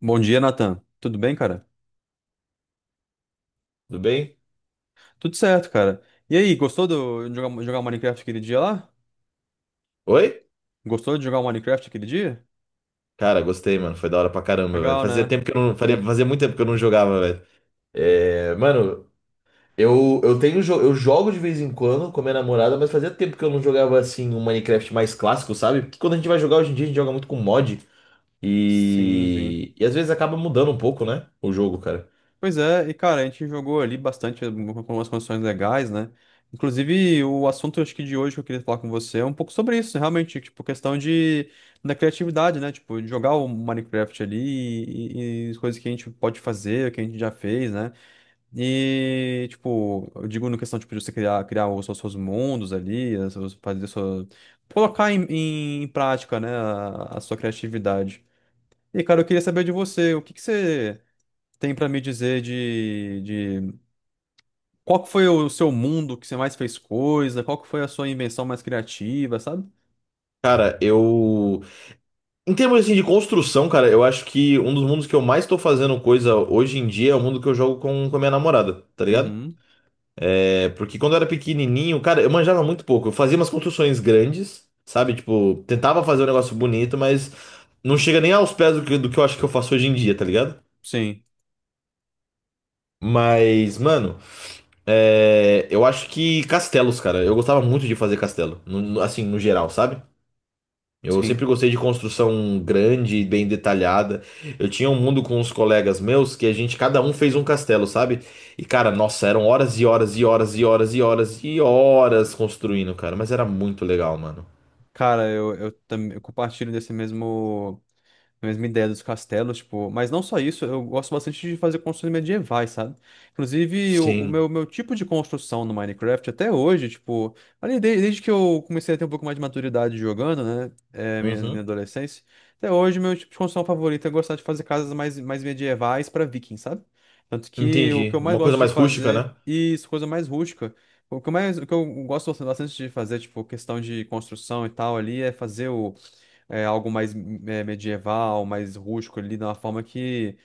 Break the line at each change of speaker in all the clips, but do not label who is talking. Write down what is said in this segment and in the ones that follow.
Bom dia, Nathan. Tudo bem, cara?
Tudo bem?
Tudo certo, cara. E aí, gostou de jogar Minecraft aquele dia lá?
Oi?
Gostou de jogar Minecraft aquele dia?
Cara, gostei, mano. Foi da hora pra caramba, velho.
Legal,
Fazia
né?
tempo que eu não. Faria, fazia muito tempo que eu não jogava, velho. É, mano, eu tenho eu jogo de vez em quando com a minha namorada, mas fazia tempo que eu não jogava assim um Minecraft mais clássico, sabe? Porque quando a gente vai jogar hoje em dia, a gente joga muito com mod.
Sim.
E às vezes acaba mudando um pouco, né? O jogo, cara.
Pois é, e cara, a gente jogou ali com umas condições legais, né? Inclusive, o assunto acho que de hoje que eu queria falar com você é um pouco sobre isso, realmente, tipo, questão de da criatividade, né? Tipo, de jogar o Minecraft ali e as coisas que a gente pode fazer, que a gente já fez, né? E, tipo, eu digo no questão, tipo, de você criar os seus mundos ali, fazer sua... Colocar em prática, né, a sua criatividade. E, cara, eu queria saber de você, o que que você tem pra me dizer de... Qual que foi o seu mundo que você mais fez coisa? Qual que foi a sua invenção mais criativa, sabe?
Cara, eu. Em termos assim, de construção, cara, eu acho que um dos mundos que eu mais tô fazendo coisa hoje em dia é o mundo que eu jogo com a minha namorada, tá ligado?
Uhum.
É, porque quando eu era pequenininho, cara, eu manjava muito pouco. Eu fazia umas construções grandes, sabe? Tipo, tentava fazer um negócio bonito, mas não chega nem aos pés do que eu acho que eu faço hoje em dia, tá ligado?
Sim,
Mas, mano, é, eu acho que castelos, cara. Eu gostava muito de fazer castelo, assim, no geral, sabe? Eu
sim.
sempre gostei de construção grande e bem detalhada. Eu tinha um mundo com os colegas meus que a gente, cada um fez um castelo, sabe? E cara, nossa, eram horas e horas e horas e horas e horas e horas construindo, cara. Mas era muito legal, mano.
Cara, eu compartilho desse mesmo, a mesma ideia dos castelos, tipo, mas não só isso, eu gosto bastante de fazer construções medievais, sabe? Inclusive, o, o
Sim.
meu, meu tipo de construção no Minecraft até hoje, tipo, desde que eu comecei a ter um pouco mais de maturidade jogando, né? É, minha
Uhum.
adolescência, até hoje, meu tipo de construção favorito é gostar de fazer casas mais medievais para vikings, sabe? Tanto que o que
Entendi.
eu mais
Uma coisa
gosto de
mais rústica,
fazer,
né?
e isso, coisa mais rústica. O que eu mais, o que eu gosto bastante de fazer, tipo, questão de construção e tal ali, é fazer algo mais medieval, mais rústico ali, de uma forma que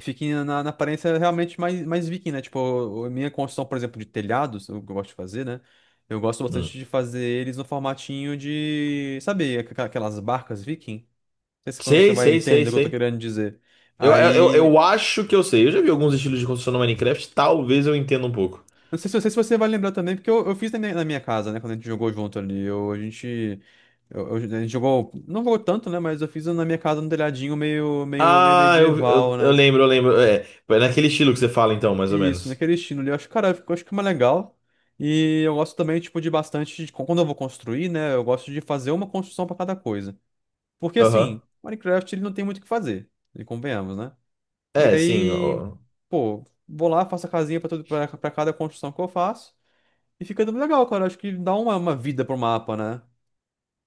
fique na aparência realmente mais viking, né? Tipo, a minha construção, por exemplo, de telhados, o que eu gosto de fazer, né? Eu gosto
Hum.
bastante de fazer eles no formatinho de, sabe, aquelas barcas viking? Não sei se quando você
Sei,
vai
sei, sei,
entender o que eu tô
sei.
querendo dizer.
Eu, eu, eu
Aí,
eu acho que eu sei. Eu já vi alguns estilos de construção no Minecraft. Talvez eu entenda um pouco.
não sei se, não sei se você vai lembrar também, porque eu fiz na minha casa, né? Quando a gente jogou junto ali, eu, a gente... a gente jogou, não jogou tanto, né? Mas eu fiz na minha casa um telhadinho meio
Ah,
medieval,
eu
né?
lembro, eu lembro. É, foi naquele estilo que você fala, então, mais ou
Isso,
menos.
naquele estilo ali. Eu acho, cara, eu acho que é mais legal. E eu gosto também, tipo, de bastante, quando eu vou construir, né? Eu gosto de fazer uma construção pra cada coisa. Porque
Aham.
assim, Minecraft ele não tem muito o que fazer. E convenhamos, né? E
É, sim,
aí,
ó.
pô, vou lá, faço a casinha pra, tudo, pra, pra cada construção que eu faço. E fica dando legal, cara. Acho que dá uma vida pro mapa, né?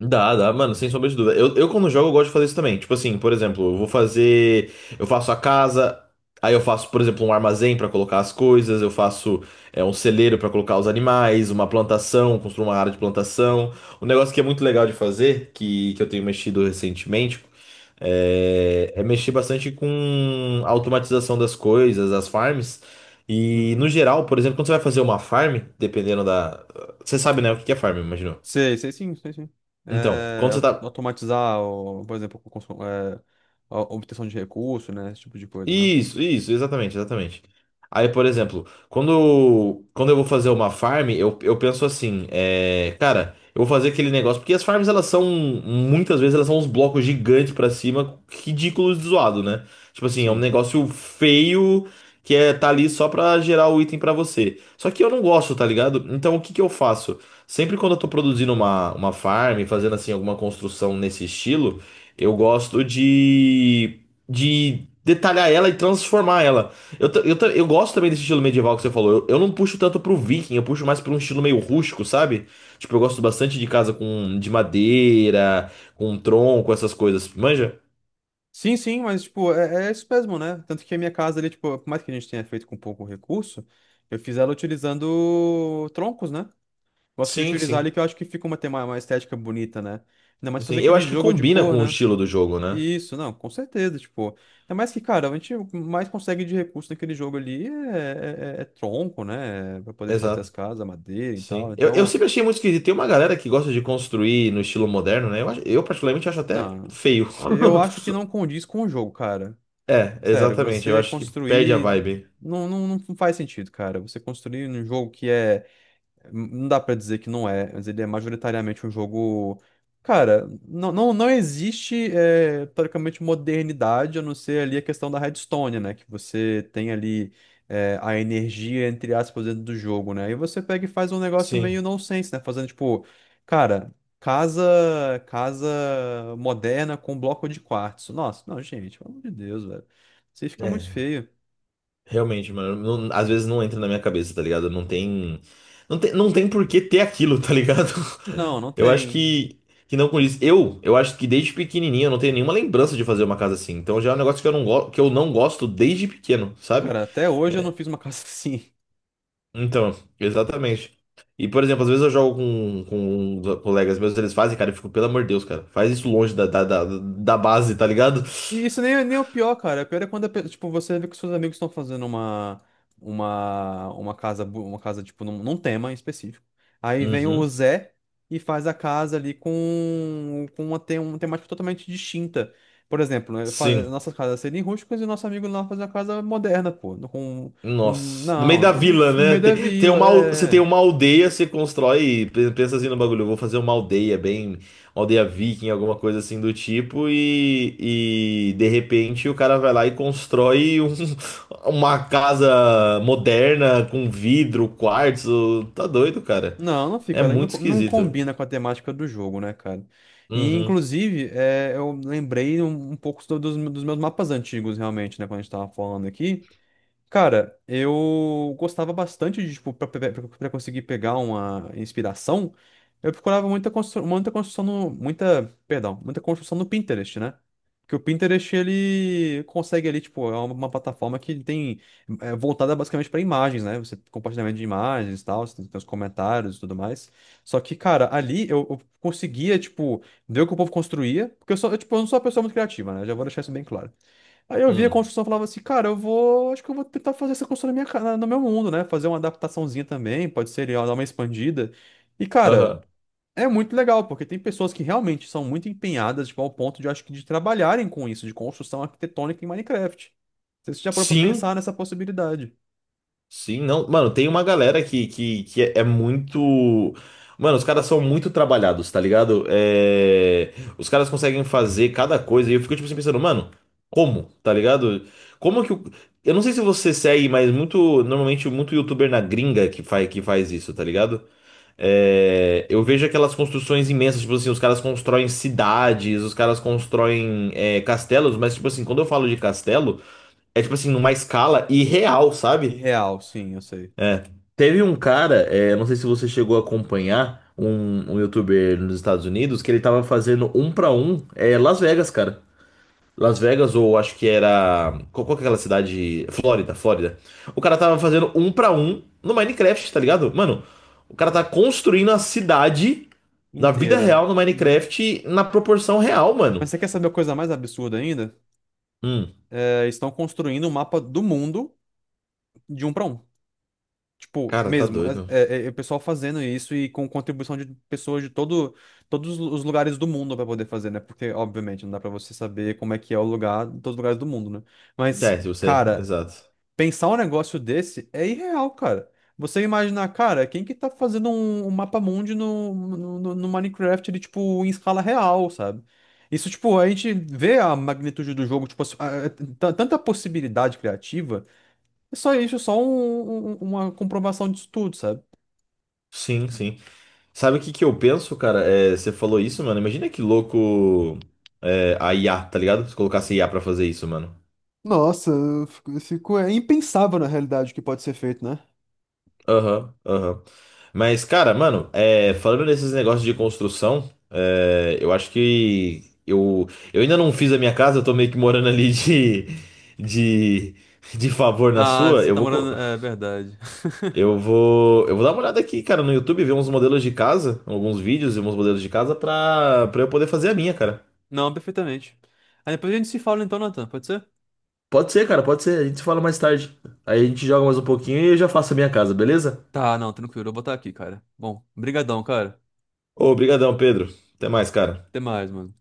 Dá, dá, mano, sem sombra de dúvida. Eu quando jogo, eu gosto de fazer isso também. Tipo assim, por exemplo, eu vou fazer. Eu faço a casa, aí eu faço, por exemplo, um armazém pra colocar as coisas, eu faço um celeiro pra colocar os animais, uma plantação, construo uma área de plantação. Um negócio que é muito legal de fazer, que eu tenho mexido recentemente, é mexer bastante com a automatização das coisas, as farms. E no
Uhum.
geral, por exemplo, quando você vai fazer uma farm, dependendo da. Você sabe, né, o que que é farm, imagino.
Sei, sei sim.
Então,
É,
quando você tá.
automatizar, o, por exemplo, a obtenção de recurso, né? Esse tipo de coisa, né?
Isso, exatamente, exatamente. Aí, por exemplo, quando eu vou fazer uma farm, eu penso assim, é, cara, eu vou fazer aquele negócio, porque as farms, elas são, muitas vezes, elas são uns blocos gigantes pra cima, ridículos de zoado, né? Tipo assim, é um
Sim.
negócio feio que é, tá ali só pra gerar o item pra você. Só que eu não gosto, tá ligado? Então, o que que eu faço? Sempre quando eu tô produzindo uma farm, fazendo assim, alguma construção nesse estilo, eu gosto de detalhar ela e transformar ela. Eu gosto também desse estilo medieval que você falou. Eu não puxo tanto pro viking, eu puxo mais pra um estilo meio rústico, sabe? Tipo, eu gosto bastante de casa com de madeira, com tronco, essas coisas. Manja?
Sim, mas, tipo, é, é isso mesmo, né? Tanto que a minha casa ali, tipo, por mais que a gente tenha feito com pouco recurso, eu fiz ela utilizando troncos, né? Gosto de
Sim,
utilizar
sim.
ali que eu acho que fica uma, tem uma estética bonita, né? Ainda mais
Sim,
fazer
eu
aquele
acho que
jogo de
combina
cor,
com o
né?
estilo do jogo, né?
Isso, não, com certeza, tipo. Ainda mais que, cara, a gente mais consegue de recurso naquele jogo ali é, é tronco, né? É pra poder fazer as
Exato.
casas, madeira e tal.
Sim. Eu
Então,
sempre achei muito esquisito. Tem uma galera que gosta de construir no estilo moderno, né? Eu, eu particularmente acho até
não,
feio.
eu acho que não condiz com o jogo, cara.
É,
Sério,
exatamente. Eu
você
acho que perde a
construir.
vibe.
Não, faz sentido, cara. Você construir um jogo que é. Não dá pra dizer que não é, mas ele é majoritariamente um jogo. Cara, não, não existe, é, teoricamente, modernidade, a não ser ali a questão da redstone, né? Que você tem ali, é, a energia, entre aspas, dentro do jogo, né? E você pega e faz um negócio
Sim.
meio nonsense, né? Fazendo tipo, cara, casa moderna com bloco de quartzo. Nossa, não, gente, pelo amor de Deus, velho. Isso aí fica muito
É.
feio.
Realmente, mano, não, às vezes não entra na minha cabeça, tá ligado? Não tem por que ter aquilo, tá ligado?
Não, não
Eu acho
tem.
que não condiz. Eu acho que desde pequenininho eu não tenho nenhuma lembrança de fazer uma casa assim. Então já é um negócio que eu não, que eu não gosto desde pequeno, sabe?
Cara, até hoje eu não fiz uma casa assim.
Então, exatamente. E, por exemplo, às vezes eu jogo com os colegas meus, eles fazem, cara, eu fico, pelo amor de Deus, cara, faz isso longe da base, tá ligado?
E isso nem, nem é o pior, cara. O pior é quando, tipo, você vê que seus amigos estão fazendo uma casa, uma casa, tipo, num tema em específico. Aí vem o
Uhum.
Zé e faz a casa ali com uma, tem, uma temática totalmente distinta. Por exemplo, né,
Sim.
nossas casas serem rústicas e o nosso amigo lá faz uma casa moderna, pô. Com um,
Nossa, no meio da
no
vila, né?
meio da
Tem
vila,
uma, você tem
é.
uma aldeia, você constrói, pensa assim no bagulho, eu vou fazer uma aldeia bem, uma aldeia viking, alguma coisa assim do tipo, e de repente o cara vai lá e constrói uma casa moderna com vidro, quartzo, tá doido, cara.
Não, não
É
fica, né? Não,
muito
não
esquisito.
combina com a temática do jogo, né, cara? E,
Uhum,
inclusive, é, eu lembrei um, um pouco dos, dos meus mapas antigos, realmente, né, quando a gente tava falando aqui. Cara, eu gostava bastante de, tipo, pra conseguir pegar uma inspiração, eu procurava muita construção no, muita, perdão, muita construção no Pinterest, né? Porque o Pinterest, ele consegue ali, tipo, é uma plataforma que tem, é voltada basicamente para imagens, né? Você compartilhamento de imagens e tal, você tem, tem os comentários e tudo mais. Só que, cara, ali eu conseguia, tipo, ver o que o povo construía, porque eu sou, eu, tipo, eu não sou uma pessoa muito criativa, né? Já vou deixar isso bem claro. Aí eu via a
hum,
construção e falava assim, cara, eu vou. Acho que eu vou tentar fazer essa construção na minha, ca- na- no meu mundo, né? Fazer uma adaptaçãozinha também, pode ser ó, dar uma expandida. E, cara,
aham.
é muito legal, porque tem pessoas que realmente são muito empenhadas, tipo, ao ponto de, eu acho que, de trabalharem com isso, de construção arquitetônica em Minecraft. Não sei se você já parou pra
Sim,
pensar nessa possibilidade?
sim, não. Mano, tem uma galera que é é muito. Mano, os caras são muito trabalhados, tá ligado? É... Os caras conseguem fazer cada coisa. E eu fico, tipo assim, pensando, mano, como? Tá ligado? Como que o. Eu não sei se você segue, mas muito. Normalmente, muito youtuber na gringa que faz isso, tá ligado? É, eu vejo aquelas construções imensas, tipo assim, os caras constroem cidades, os caras constroem castelos, mas, tipo assim, quando eu falo de castelo, é tipo assim, numa escala irreal, sabe?
Irreal, sim, eu sei.
É. Teve um cara, é, não sei se você chegou a acompanhar, um youtuber nos Estados Unidos, que ele tava fazendo um pra um, é, Las Vegas, cara. Las Vegas, ou acho que era. Qual que é aquela cidade? Flórida, Flórida. O cara tava fazendo um pra um no Minecraft, tá ligado? Mano, o cara tá construindo a cidade na vida
Inteira.
real no
Uhum.
Minecraft na proporção real, mano.
Mas você quer saber a coisa mais absurda ainda?
Hum,
É, estão construindo um mapa do mundo de um para um. Tipo,
cara, tá
mesmo,
doido.
é, o pessoal fazendo isso e com contribuição de pessoas todos os lugares do mundo para poder fazer, né? Porque, obviamente, não dá para você saber como é que é o lugar em todos os lugares do mundo, né? Mas,
É, se você.
cara,
Exato.
pensar um negócio desse é irreal, cara. Você imaginar, cara, quem que tá fazendo um, um mapa mundi no Minecraft, ele, tipo, em escala real, sabe? Isso, tipo, a gente vê a magnitude do jogo, tipo, assim, tanta possibilidade criativa. É só isso, só uma comprovação disso tudo, sabe?
Sim, sim. Sabe o que que eu penso, cara? É, você falou isso, mano. Imagina que louco é, a IA, tá ligado? Se colocasse IA pra fazer isso, mano.
Nossa, é impensável na realidade o que pode ser feito, né?
Aham, aham. Mas, cara, mano, é, falando nesses negócios de construção, é, eu acho que eu ainda não fiz a minha casa, eu tô meio que morando ali de, de favor na
Ah,
sua.
você tá morando. É verdade.
Eu vou dar uma olhada aqui, cara, no YouTube, ver uns modelos de casa, alguns vídeos e uns modelos de casa pra, pra eu poder fazer a minha, cara.
Não, perfeitamente. Aí depois a gente se fala então, Nathan, pode ser?
Pode ser, cara, pode ser. A gente se fala mais tarde. Aí a gente joga mais um pouquinho e eu já faço a minha casa, beleza?
Tá, não, tranquilo, eu vou botar aqui, cara. Bom, brigadão, cara.
Ô, obrigadão, Pedro. Até mais, cara.
Até mais, mano.